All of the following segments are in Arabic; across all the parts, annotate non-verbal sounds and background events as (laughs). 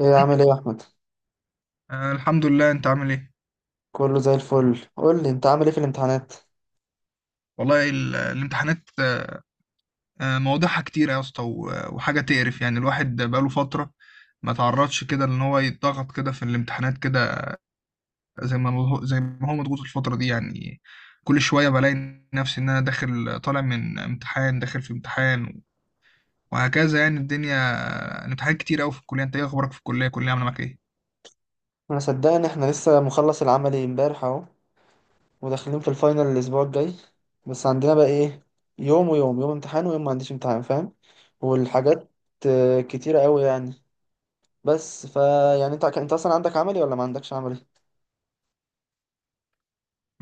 ايه عامل ايه يا احمد؟ آه، الحمد لله. انت عامل ايه؟ كله زي الفل. قول لي انت عامل ايه في الامتحانات؟ والله، الامتحانات مواضيعها كتير يا اسطى، وحاجه تقرف. يعني الواحد بقاله فتره ما تعرضش كده ان هو يتضغط كده في الامتحانات كده، زي ما هو مضغوط الفتره دي يعني. كل شويه بلاقي نفسي ان انا داخل طالع من امتحان داخل في امتحان، وهكذا يعني الدنيا. الامتحانات كتير قوي في الكليه. انت ايه اخبارك في الكليه؟ الكليه عامله معاك ايه؟ انا صدقني، احنا لسه مخلص العملي امبارح اهو، وداخلين في الفاينل الاسبوع الجاي. بس عندنا بقى ايه؟ يوم امتحان ويوم ما عنديش امتحان، فاهم. والحاجات كتيرة قوي يعني. بس فا يعني انت اصلا عندك عملي ولا ما عندكش عملي؟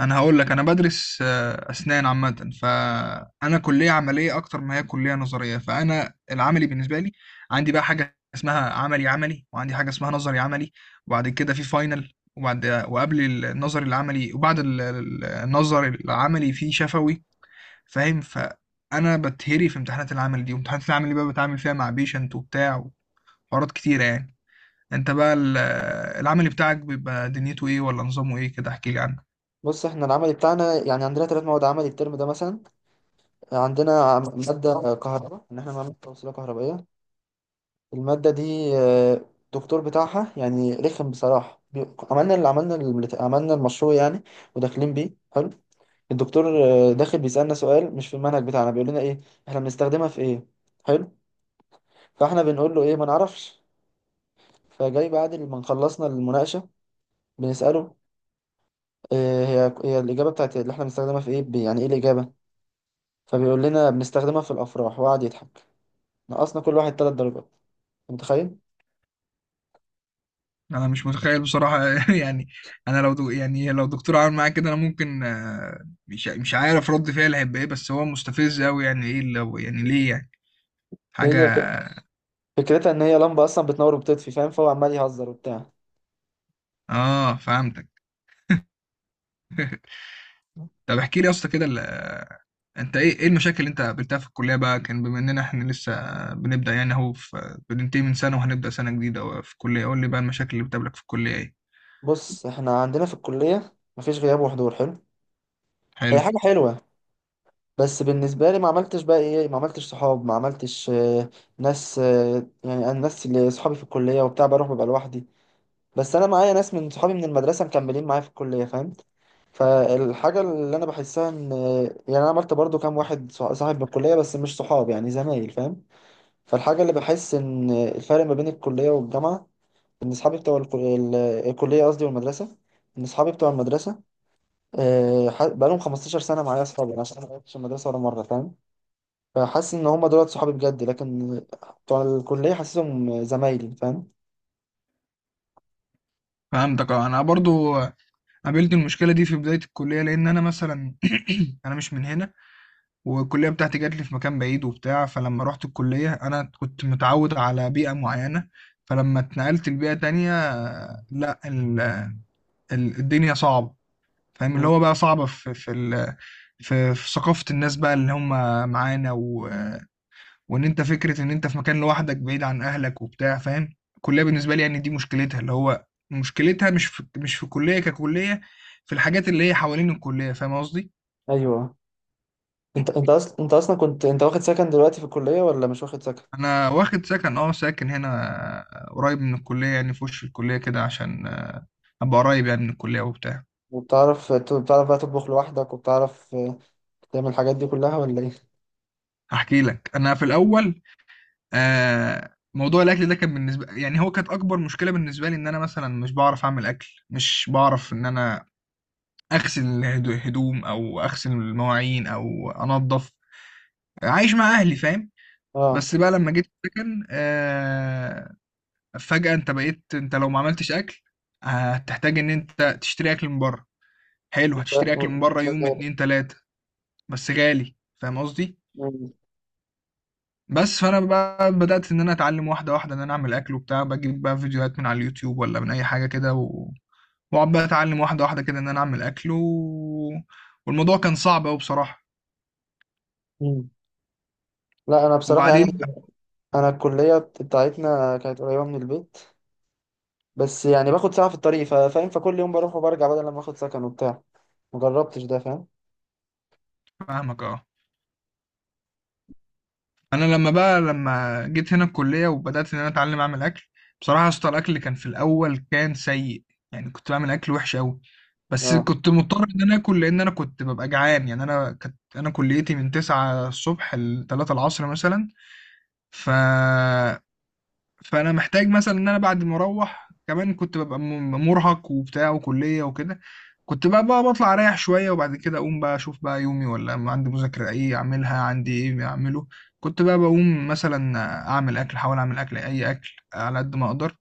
انا هقول لك، انا بدرس اسنان عامه، فانا كليه عمليه اكتر ما هي كليه نظريه. فانا العملي بالنسبه لي عندي بقى حاجه اسمها عملي عملي، وعندي حاجه اسمها نظري عملي، وبعد كده في فاينل، وقبل النظري العملي وبعد النظري العملي في شفوي، فاهم. فانا بتهري في امتحانات العمل دي، وامتحانات العمل دي بقى بتعامل فيها مع بيشنت وبتاع، وحوارات كتيره يعني. انت بقى العملي بتاعك بيبقى دنيته ايه، ولا نظامه ايه كده؟ احكي لي عنه. بص، احنا العملي بتاعنا يعني عندنا 3 مواد عملي الترم ده مثلا. عندنا مادة كهرباء ان احنا نعمل توصيلة كهربائية. المادة دي الدكتور بتاعها يعني رخم بصراحة، عملنا المشروع يعني. وداخلين بيه حلو. الدكتور داخل بيسألنا سؤال مش في المنهج بتاعنا، بيقول لنا: ايه احنا بنستخدمها في ايه؟ حلو. فاحنا بنقول له: ايه، ما نعرفش. فجاي بعد ما خلصنا المناقشة بنسأله: هي الإجابة بتاعت اللي احنا بنستخدمها في ايه؟ يعني ايه الإجابة؟ فبيقول لنا: بنستخدمها في الأفراح، وقعد يضحك. نقصنا كل واحد 3 درجات. أنت متخيل؟ انا مش متخيل بصراحه (laughs) يعني. انا لو دو يعني لو دكتور عمل معايا كده، انا ممكن مش عارف رد فعلي هيبقى ايه، بس هو مستفز قوي. يعني ايه اللي هو يعني ليه يعني؟ حاجه. هي فكرتها ان هي لمبة اصلا بتنور وبتطفي، فاهم، فهو عمال يهزر وبتاع. اه، فهمتك. طب احكي لي يا اسطى كده، انت ايه المشاكل اللي انت قابلتها في الكليه بقى، كان بما اننا احنا لسه بنبدا يعني اهو، بننتهي من سنه وهنبدا سنه جديده في الكليه. قول لي بقى المشاكل اللي بتقابلك في الكليه ايه. بص، احنا عندنا في الكلية مفيش غياب وحضور، حلو، هي حلو. حاجة حلوة. بس بالنسبة لي ما عملتش بقى ايه، ما عملتش صحاب، ما عملتش ناس، يعني انا الناس اللي صحابي في الكلية وبتاع، بروح ببقى لوحدي. بس انا معايا ناس من صحابي من المدرسة مكملين معايا في الكلية، فاهم. فالحاجة اللي انا بحسها ان يعني انا عملت برضو كام واحد صاحب من الكلية بس مش صحاب، يعني زمايل، فاهم. فالحاجة اللي بحس ان الفرق ما بين الكلية والجامعة ان صحابي بتوع الكلية، قصدي، والمدرسة. ان صحابي بتوع المدرسة بقالهم 15 سنة معايا أصحابي، يعني أنا عشان أنا ما غيرتش المدرسة ولا مرة، فاهم. فحاسس إن هما دولت صحابي بجد، لكن بتوع الكلية حاسسهم زمايلي، فاهم. فهمتك، اه. انا برضو قابلت المشكله دي في بدايه الكليه، لان انا مثلا (clears throat) انا مش من هنا، والكلية بتاعتي جات لي في مكان بعيد وبتاع. فلما رحت الكلية، أنا كنت متعود على بيئة معينة، فلما اتنقلت لبيئة تانية، لا، الدنيا صعبة. فاهم، اللي مم. هو بقى صعبة في في ال- في في ثقافة الناس بقى اللي هم معانا، وإن أنت فكرة إن أنت في مكان لوحدك بعيد عن أهلك وبتاع، فاهم. الكلية بالنسبة لي يعني دي مشكلتها، اللي هو مشكلتها مش في الكلية ككلية، في الحاجات اللي هي حوالين الكلية. فاهم قصدي؟ أيوه. أنت أصلا كنت أنت واخد سكن دلوقتي في الكلية ولا مش واخد سكن؟ انا واخد سكن، اه ساكن هنا. قريب من الكليه يعني، في وش الكليه كده، عشان ابقى قريب يعني من الكليه وبتاع. وبتعرف ت- بتعرف بقى تطبخ لوحدك؟ وبتعرف تعمل الحاجات دي كلها ولا إيه؟ هحكي لك، انا في الاول موضوع الاكل ده كان بالنسبه يعني، هو كانت اكبر مشكله بالنسبه لي، ان انا مثلا مش بعرف اعمل اكل، مش بعرف ان انا اغسل الهدوم، او اغسل المواعين، او انظف. عايش مع اهلي فاهم. أه. بس بقى لما جيت السكن فجاه، انت بقيت، انت لو ما عملتش اكل آه، هتحتاج ان انت تشتري اكل من بره. حلو، ف- هتشتري اكل من بره يوم و- اتنين تلاتة، بس غالي. فاهم قصدي؟ مم. بس فانا بقى بدأت ان انا اتعلم واحده واحده ان انا اعمل اكل وبتاع، بجيب بقى فيديوهات من على اليوتيوب، ولا من اي حاجه كده، واقعد بقى اتعلم واحده واحده كده، ان انا اعمل اكل، والموضوع كان صعب قوي بصراحه. مم. لا، أنا بصراحة يعني وبعدين، أنا الكلية بتاعتنا كانت قريبة من البيت، بس يعني باخد ساعة في الطريق، فاهم، فكل يوم بروح وبرجع بدل لما آخد سكن وبتاع، مجربتش ده، فاهم. فاهمك اه. انا لما جيت هنا الكليه وبدات ان انا اتعلم اعمل اكل، بصراحه يا اسطى الاكل اللي كان في الاول كان سيء، يعني كنت بعمل اكل وحش قوي، بس اه. كنت مضطر ان انا اكل لان انا كنت ببقى جعان. يعني انا كليتي من 9 الصبح ل 3 العصر مثلا، ف فانا محتاج مثلا ان انا بعد ما اروح كمان كنت ببقى مرهق وبتاع وكليه وكده. كنت بقى بطلع اريح شويه، وبعد كده اقوم بقى اشوف بقى يومي، ولا أما عندي مذاكره ايه اعملها، عندي ايه اعمله. كنت بقى بقوم مثلا اعمل اكل احاول اعمل اكل، اي اكل على قد ما اقدر،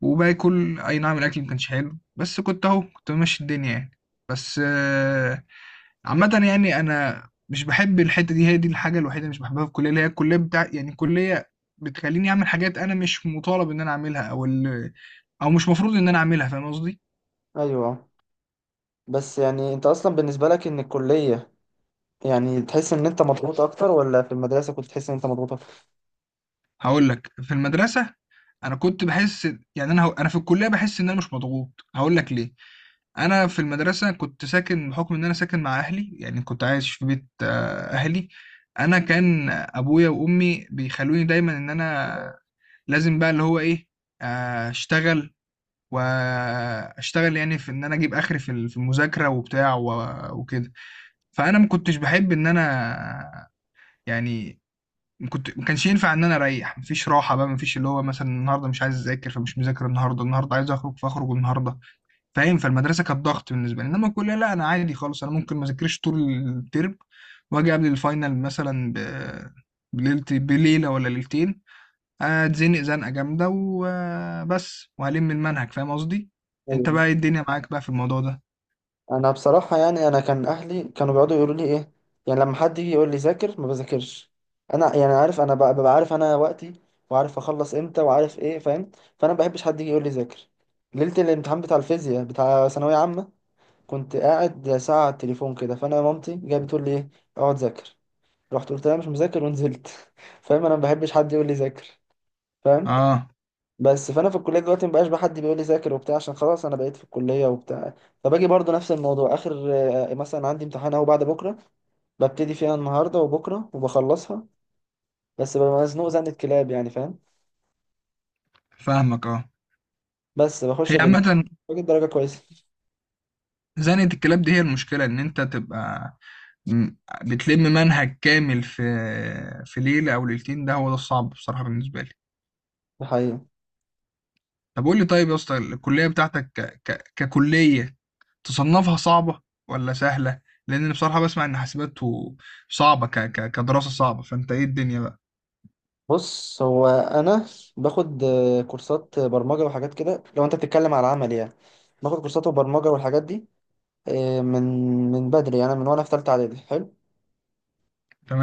وباكل. اي نعم الاكل ما كانش حلو، بس كنت اهو كنت ماشي الدنيا يعني. بس عامه يعني انا مش بحب الحته دي، هي دي الحاجه الوحيده اللي مش بحبها في الكليه، اللي هي الكليه بتاع يعني، الكليه بتخليني اعمل حاجات انا مش مطالب ان انا اعملها، او مش مفروض ان انا اعملها. فاهم قصدي؟ ايوه. بس يعني انت اصلا بالنسبه لك ان الكليه، يعني تحس ان انت مضغوط اكتر ولا في المدرسه كنت تحس ان انت مضغوط اكتر؟ هقول لك، في المدرسه انا كنت بحس، يعني انا انا في الكليه بحس ان انا مش مضغوط، هقول لك ليه. انا في المدرسه كنت ساكن بحكم ان انا ساكن مع اهلي، يعني كنت عايش في بيت اهلي. انا كان ابويا وامي بيخلوني دايما ان انا لازم بقى اللي هو ايه، اشتغل، واشتغل يعني في ان انا اجيب اخري في في المذاكره وبتاع وكده. فانا ما كنتش بحب ان انا يعني، ما كانش ينفع ان انا اريح. مفيش راحه بقى، مفيش اللي هو مثلا النهارده مش عايز اذاكر فمش مذاكر النهارده، النهارده عايز اخرج فاخرج النهارده، فاهم. فالمدرسه كانت ضغط بالنسبه لي، انما الكليه لا، انا عادي خالص، انا ممكن ما اذاكرش طول الترم، واجي قبل الفاينل مثلا بليله ولا ليلتين، اتزنق زنقه جامده وبس، وهلم المنهج. فاهم قصدي؟ انت ايوه. بقى إيه الدنيا معاك بقى في الموضوع ده؟ انا بصراحه يعني انا كان اهلي كانوا بيقعدوا يقولوا لي ايه؟ يعني لما حد يجي يقول لي: ذاكر، ما بذاكرش. انا يعني عارف، انا ببقى عارف انا وقتي، وعارف اخلص امتى وعارف ايه، فاهم. فانا ما بحبش حد يجي يقول لي: ذاكر. ليله الامتحان بتاع الفيزياء بتاع ثانويه عامه كنت قاعد ساعه على التليفون كده، فانا مامتي جايه بتقول لي: ايه اقعد ذاكر. رحت قلت لها: مش مذاكر، ونزلت. (laughs) فاهم، انا ما بحبش حد يقول لي: ذاكر، فاهم. اه، بس فانا في الكليه دلوقتي ما بقاش بقى حد بيقول لي: ذاكر وبتاع، عشان خلاص انا بقيت في الكليه وبتاع. فباجي برضو نفس الموضوع اخر. مثلا عندي امتحان اهو بعد بكره، ببتدي فيها النهارده وبكره وبخلصها، بس ببقى مزنوق زنة كلاب يعني، فاهم. فاهمك، اه. بس بخش هي الامتحان، عامه، باجيب درجه كويسه. زنقة الكلاب دي هي المشكلة، إن أنت تبقى م- بتلم منهج كامل في ليلة أو ليلتين، ده هو ده الصعب بصراحة بالنسبة لي. ده حقيقي. طب قول لي، طيب يا اسطى، الكلية بتاعتك ككلية تصنفها صعبة ولا سهلة؟ لأن أنا بصراحة بسمع إن حاسبات صعبة، كدراسة صعبة. فأنت إيه الدنيا بقى؟ بص، هو انا باخد كورسات برمجه وحاجات كده، لو انت بتتكلم على العمل يعني، باخد كورسات وبرمجه والحاجات دي آه، من من بدري، انا من وانا في ثالثه اعدادي، حلو.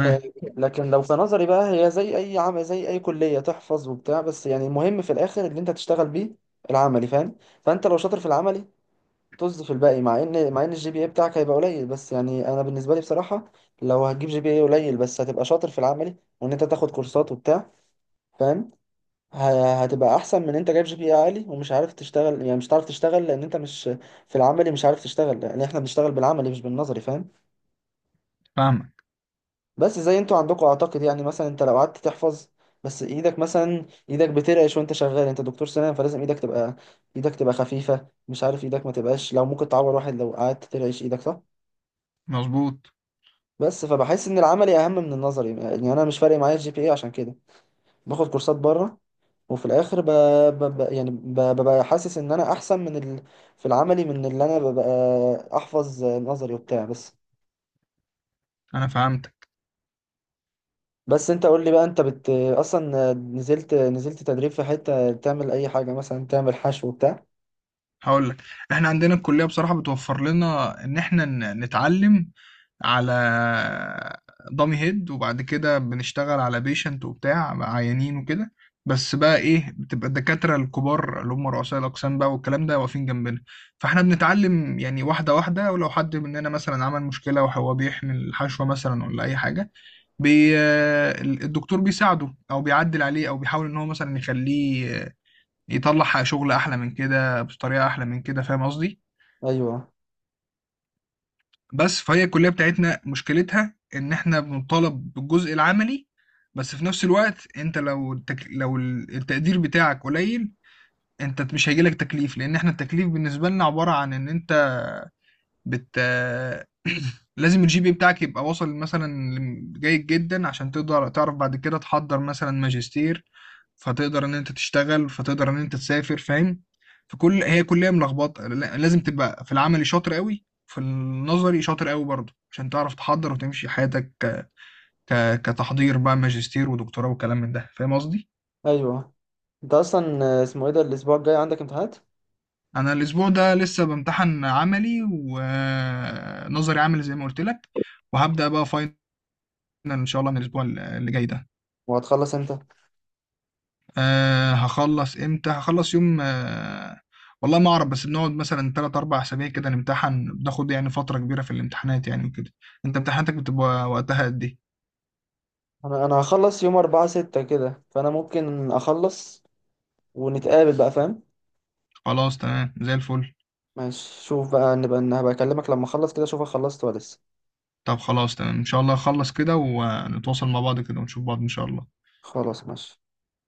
آه، لكن لو في نظري بقى، هي زي اي عم زي اي كليه، تحفظ وبتاع، بس يعني المهم في الاخر اللي انت تشتغل بيه العملي، فاهم. فانت لو شاطر في العملي، طز في الباقي، مع ان الجي بي اي بتاعك هيبقى قليل، بس يعني انا بالنسبه لي بصراحه، لو هتجيب جي بي اي قليل بس هتبقى شاطر في العملي، وان انت تاخد كورسات وبتاع، فاهم، هتبقى احسن من انت جايب جي بي اي عالي ومش عارف تشتغل، يعني مش عارف تشتغل لان انت مش في العملي مش عارف تشتغل، لان احنا بنشتغل بالعملي مش بالنظري، فاهم. فاهمك. بس زي انتوا عندكم اعتقد، يعني مثلا انت لو قعدت تحفظ بس ايدك مثلا ايدك بترعش وانت شغال، انت دكتور سنان، فلازم ايدك تبقى خفيفة، مش عارف، ايدك ما تبقاش، لو ممكن تعور واحد لو قعدت ترعش ايدك، صح. مظبوط. بس فبحس ان العملي اهم من النظري، يعني انا مش فارق معايا الجي بي اي عشان كده باخد كورسات بره. وفي الاخر ببقى حاسس ان انا احسن في العملي من اللي انا ببقى احفظ نظري وبتاع بس. أنا فهمتك. بس انت قول لي بقى، انت اصلا نزلت تدريب في حتة تعمل اي حاجة، مثلا تعمل حشو وبتاع؟ هقول لك، احنا عندنا الكلية بصراحة بتوفر لنا ان احنا نتعلم على دامي هيد، وبعد كده بنشتغل على بيشنت وبتاع، عيانين وكده. بس بقى ايه، بتبقى الدكاترة الكبار اللي هم رؤساء الأقسام بقى والكلام ده واقفين جنبنا، فاحنا بنتعلم يعني واحدة واحدة. ولو حد مننا مثلا عمل مشكلة وهو بيحمل الحشوة مثلا ولا أي حاجة، بي... الدكتور بيساعده، أو بيعدل عليه، أو بيحاول إن هو مثلا يخليه يطلع حق شغل احلى من كده، بطريقه احلى من كده. فاهم قصدي؟ ايوه. بس، فهي الكليه بتاعتنا مشكلتها ان احنا بنطالب بالجزء العملي، بس في نفس الوقت انت لو التقدير بتاعك قليل، انت مش هيجيلك تكليف، لان احنا التكليف بالنسبه لنا عباره عن ان انت بت (clears throat) لازم الجي بي بتاعك يبقى واصل مثلا جيد جدا، عشان تقدر تعرف بعد كده تحضر مثلا ماجستير، فتقدر ان انت تشتغل، فتقدر ان انت تسافر، فاهم. فكل هي كلية ملخبطة، لازم تبقى في العملي شاطر قوي، في النظري شاطر قوي برضه، عشان تعرف تحضر وتمشي حياتك كتحضير بقى ماجستير ودكتوراه وكلام من ده. فاهم قصدي؟ ايوه. انت اصلا اسمه ايه، ده الاسبوع الجاي عندك امتحانات؟ انا الاسبوع ده لسه بمتحن عملي ونظري عملي زي ما قلت لك، وهبدأ بقى فاينل ان شاء الله من الاسبوع اللي جاي ده. وهتخلص امتى؟ هخلص امتى، هخلص يوم والله ما اعرف. بس بنقعد مثلا 3 4 اسابيع كده نمتحن، بناخد يعني فترة كبيرة في الامتحانات يعني وكده. انت امتحاناتك بتبقى وقتها قد ايه؟ انا هخلص يوم 4/6 كده، فانا ممكن اخلص ونتقابل بقى، فاهم. خلاص، تمام، زي الفل. ماشي، شوف بقى، هبقى اكلمك لما اخلص كده، اشوفك خلصت ولا لسه. طب خلاص تمام، ان شاء الله اخلص كده ونتواصل مع بعض كده ونشوف بعض ان شاء الله. خلاص، ماشي.